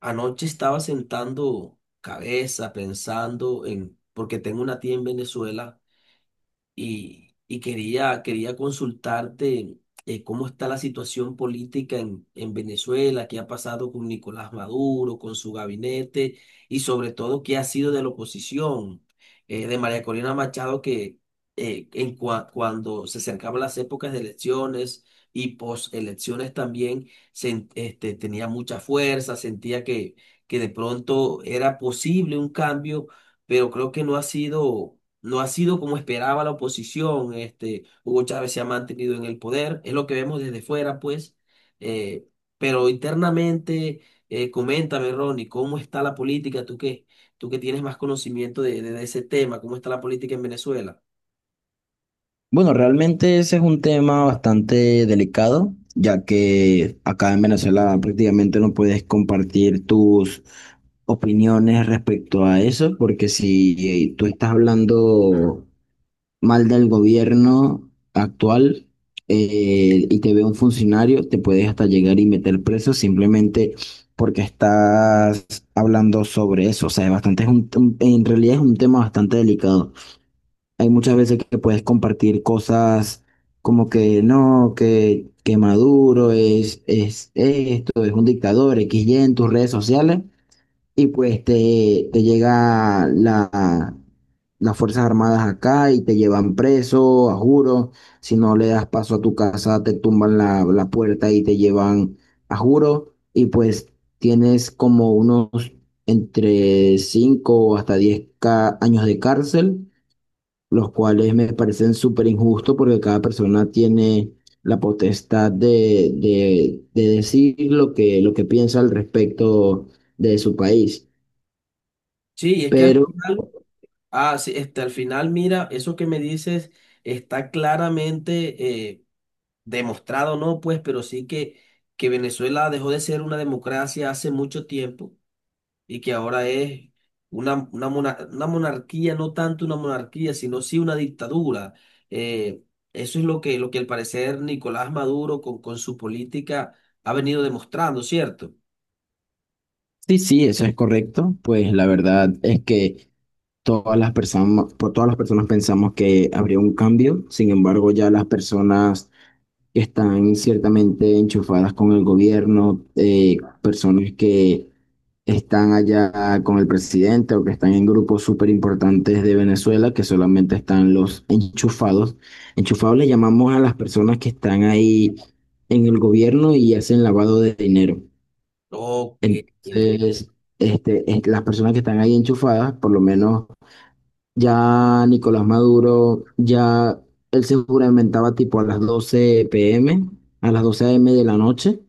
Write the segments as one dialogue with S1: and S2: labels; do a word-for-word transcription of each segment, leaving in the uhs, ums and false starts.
S1: Anoche estaba sentando cabeza, pensando en, porque tengo una tía en Venezuela y, y quería, quería consultarte. Eh, ¿cómo está la situación política en, en Venezuela? ¿Qué ha pasado con Nicolás Maduro, con su gabinete y sobre todo qué ha sido de la oposición, eh, de María Corina Machado que eh, en cua- cuando se acercaban las épocas de elecciones y postelecciones también sen- este, tenía mucha fuerza? Sentía que, que de pronto era posible un cambio, pero creo que no ha sido, no ha sido como esperaba la oposición. Este, Hugo Chávez se ha mantenido en el poder, es lo que vemos desde fuera, pues. eh, pero internamente, eh, coméntame, Ronnie, ¿cómo está la política? Tú qué tú que tienes más conocimiento de, de- de ese tema, ¿cómo está la política en Venezuela?
S2: Bueno, realmente ese es un tema bastante delicado, ya que acá en Venezuela prácticamente no puedes compartir tus opiniones respecto a eso, porque si eh, tú estás hablando mal del gobierno actual eh, y te ve un funcionario, te puedes hasta llegar y meter preso simplemente porque estás hablando sobre eso. O sea, es bastante, es un- un- en realidad es un tema bastante delicado. Hay muchas veces que puedes compartir cosas como que no, que, que Maduro es, es esto, es un dictador, X Y en tus redes sociales, y pues te, te llega la, las Fuerzas Armadas acá y te llevan preso, a juro. Si no le das paso a tu casa, te tumban la, la puerta y te llevan a juro. Y pues tienes como unos entre cinco hasta diez ca- años de cárcel, los cuales me parecen súper injustos porque cada persona tiene la potestad de, de, de decir lo que, lo que piensa al respecto de su país.
S1: Sí, es que al
S2: Pero
S1: final, ah, sí, este, al final, mira, eso que me dices está claramente eh, demostrado, ¿no? Pues, pero sí que, que Venezuela dejó de ser una democracia hace mucho tiempo y que ahora es una, una, mona- una monarquía, no tanto una monarquía, sino sí una dictadura. Eh, Eso es lo que, lo que al parecer Nicolás Maduro con, con su política ha venido demostrando, ¿cierto?
S2: sí, sí, eso es correcto. Pues la verdad es que todas las personas, por todas las personas pensamos que habría un cambio. Sin embargo, ya las personas que están ciertamente enchufadas con el gobierno, eh, personas que están allá con el presidente o que están en grupos súper importantes de Venezuela, que solamente están los enchufados. Enchufados le llamamos a las personas que están ahí en el gobierno y hacen lavado de dinero.
S1: Ok, en-
S2: Entonces, este, es- las personas que están ahí enchufadas, por lo menos ya Nicolás Maduro, ya él se juramentaba tipo a las doce p m, a las doce a m de la noche,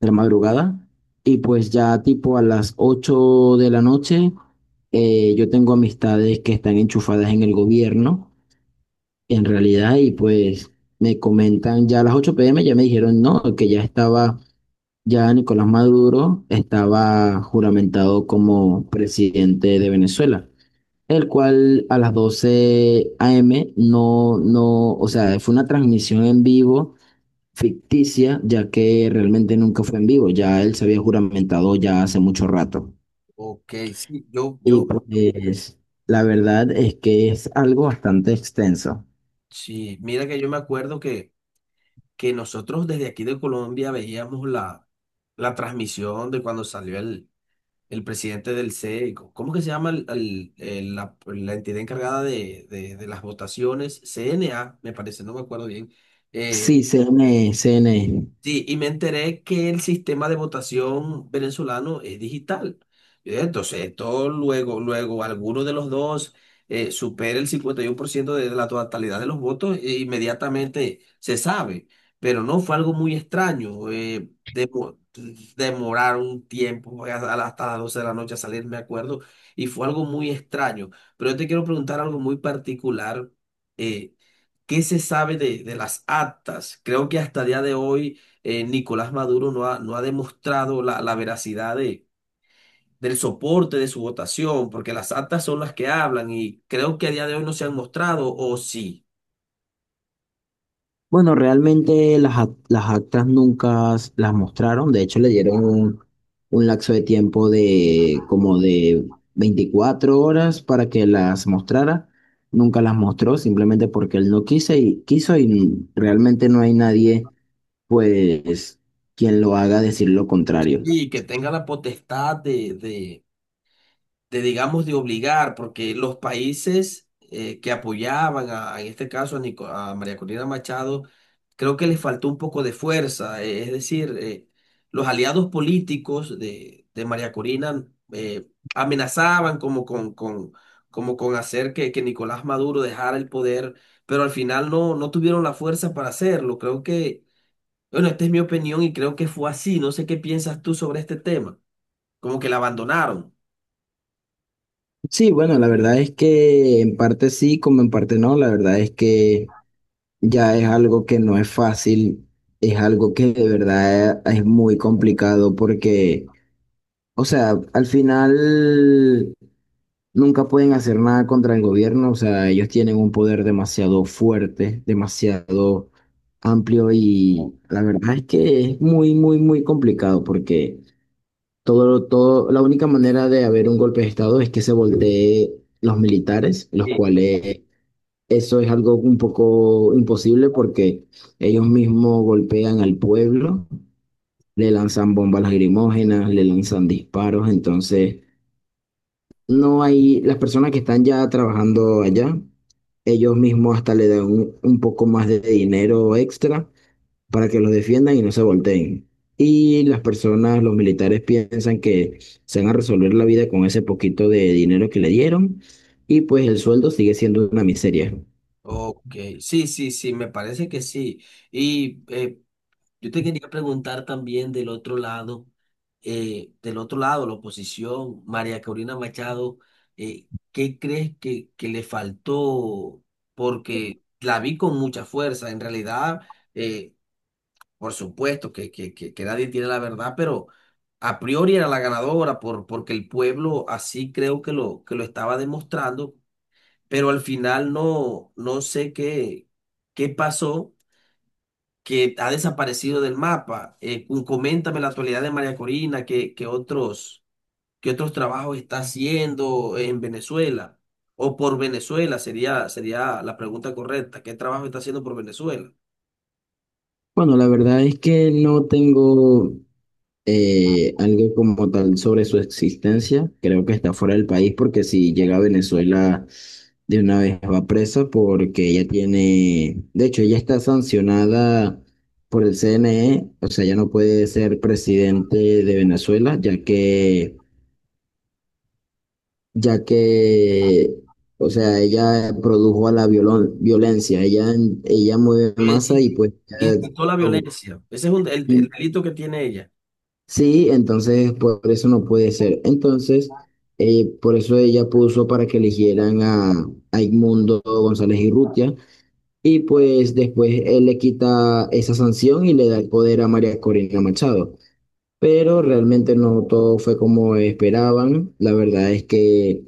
S2: de la madrugada, y pues ya tipo a las ocho de la noche, eh, yo tengo amistades que están enchufadas en el gobierno, en realidad, y pues me comentan, ya a las ocho p m ya me dijeron, no, que ya estaba, ya Nicolás Maduro estaba juramentado como presidente de Venezuela, el cual a las doce a m no, no, o sea, fue una transmisión en vivo ficticia, ya que realmente nunca fue en vivo, ya él se había juramentado ya hace mucho rato.
S1: ok, sí, yo,
S2: Y
S1: yo,
S2: pues la verdad es que es algo bastante extenso.
S1: sí, mira que yo me acuerdo que, que nosotros desde aquí de Colombia veíamos la, la transmisión de cuando salió el el presidente del C E I C O. ¿Cómo que se llama el- el- el- la, la entidad encargada de, de- de las votaciones? C N A, me parece, no me acuerdo bien. Eh,
S2: Sí, C N C N E, C N E.
S1: Sí, y me enteré que el sistema de votación venezolano es digital. Eh, Entonces, esto luego, luego alguno de los dos eh, supera el cincuenta y uno por ciento de la totalidad de los votos, e inmediatamente se sabe. Pero no fue algo muy extraño. Eh, demo- demorar un tiempo a- a- hasta las doce de la noche a salir, me acuerdo, y fue algo muy extraño. Pero yo te quiero preguntar algo muy particular. eh, ¿Qué se sabe de, de las actas? Creo que hasta el día de hoy eh, Nicolás Maduro no ha, no ha demostrado la, la veracidad de, del soporte de su votación, porque las actas son las que hablan y creo que a día de hoy no se han mostrado, o sí,
S2: Bueno, realmente las, ac- las actas nunca s- las mostraron. De hecho, le dieron un, un lapso de tiempo de como de veinticuatro horas para que las mostrara, nunca las mostró simplemente porque él no quiso y, quiso y realmente no hay nadie pues quien lo haga decir lo contrario.
S1: y que tenga la potestad de, de de, digamos, de obligar, porque los países eh, que apoyaban, a- en este caso a, Nico- a María Corina Machado, creo que les faltó un poco de fuerza, eh, es decir, eh, los aliados políticos de, de María Corina eh, amenazaban como con, con, como con hacer que, que Nicolás Maduro dejara el poder, pero al final no, no tuvieron la fuerza para hacerlo. Creo que, bueno, esta es mi opinión y creo que fue así. No sé qué piensas tú sobre este tema, como que la abandonaron.
S2: Sí, bueno, la verdad es que en parte sí, como en parte no. La verdad es que ya es algo que no es fácil, es algo que de verdad es muy complicado porque, o sea, al final nunca pueden hacer nada contra el gobierno. O sea, ellos tienen un poder demasiado fuerte, demasiado amplio, y la verdad es que es muy, muy, muy complicado porque todo, todo, la única manera de haber un golpe de estado es que se voltee los militares, los cuales, eso es algo un poco imposible porque ellos mismos golpean al pueblo, le lanzan bombas lagrimógenas, le lanzan disparos. Entonces no hay, las personas que están ya trabajando allá, ellos mismos hasta le dan un, un poco más de dinero extra para que los defiendan y no se volteen. Y las personas, los militares, piensan que se van a resolver la vida con ese poquito de dinero que le dieron, y pues el sueldo sigue siendo una miseria.
S1: Ok, sí, sí, sí, me parece que sí. Y eh, yo te quería preguntar también del otro lado, eh, del otro lado, la oposición, María Corina Machado, eh, ¿qué crees que, que le faltó? Porque la vi con mucha fuerza, en realidad, eh, por supuesto que, que, que, que nadie tiene la verdad, pero a priori era la ganadora por, porque el pueblo así creo que lo, que lo estaba demostrando, pero al final no, no sé qué, qué pasó, que ha desaparecido del mapa. Eh, cu- coméntame la actualidad de María Corina, qué, qué otros, qué otros trabajos está haciendo en Venezuela o por Venezuela, sería, sería la pregunta correcta. ¿Qué trabajo está haciendo por Venezuela?
S2: Bueno, la verdad es que no tengo eh, algo como tal sobre su existencia. Creo que está fuera del país porque si llega a Venezuela de una vez va presa, porque ella tiene, de hecho, ella está sancionada por el C N E. O sea, ella no puede ser presidente de Venezuela, ya que, ya que, o sea, ella produjo a la violon- violencia, ella, ella mueve
S1: Eh,
S2: masa y
S1: in-
S2: pues... eh,
S1: Incitó la violencia. Ese es un- el, el delito que tiene ella.
S2: Sí, entonces por eso no puede ser. Entonces, eh, por eso ella puso para que eligieran a, a Edmundo González Irrutia, y pues después él le quita esa sanción y le da el poder a María Corina Machado. Pero realmente no todo fue como esperaban. La verdad es que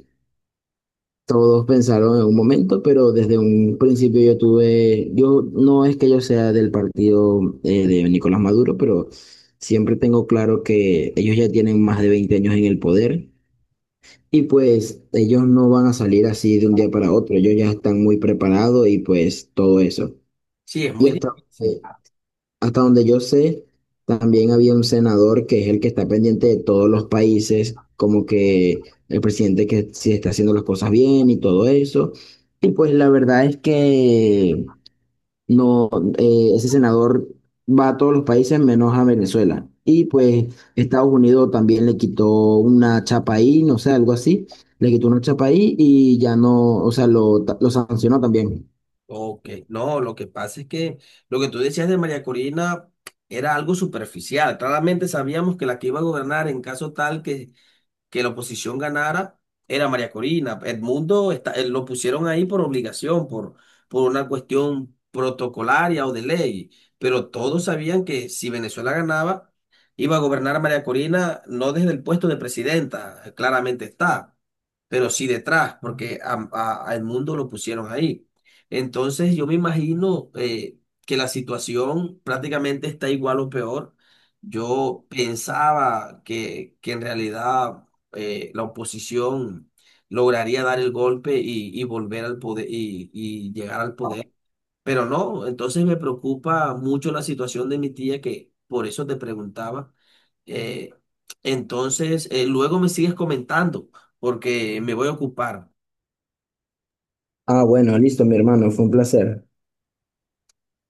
S2: todos pensaron en un momento, pero desde un principio yo tuve, yo, no es que yo sea del partido eh, de Nicolás Maduro, pero siempre tengo claro que ellos ya tienen más de veinte años en el poder, y pues ellos no van a salir así de un día para otro, ellos ya están muy preparados y pues todo eso.
S1: Sí, es
S2: Y
S1: muy
S2: hasta,
S1: difícil.
S2: eh, hasta donde yo sé, también había un senador que es el que está pendiente de todos los países, como que el presidente, que si está haciendo las cosas bien y todo eso. Y pues la verdad es que no, eh, ese senador va a todos los países menos a Venezuela. Y pues Estados Unidos también le quitó una chapa ahí, no sé, algo así. Le quitó una chapa ahí y ya no, o sea, lo, lo sancionó también.
S1: Ok, no, lo que pasa es que lo que tú decías de María Corina era algo superficial. Claramente sabíamos que la que iba a gobernar en caso tal que que la oposición ganara era María Corina. Edmundo está, eh, lo pusieron ahí por obligación, por, por una cuestión protocolaria o de ley, pero todos sabían que si Venezuela ganaba, iba a gobernar a María Corina no desde el puesto de presidenta, eh, claramente está, pero sí detrás, porque a, a- a Edmundo lo pusieron ahí. Entonces yo me imagino eh, que la situación prácticamente está igual o peor. Yo pensaba que, que en realidad eh, la oposición lograría dar el golpe y, y volver al poder y, y llegar al poder. Pero no, entonces me preocupa mucho la situación de mi tía, que por eso te preguntaba. Eh, entonces, eh, luego me sigues comentando, porque me voy a ocupar.
S2: Ah, bueno, listo, mi hermano, fue un placer.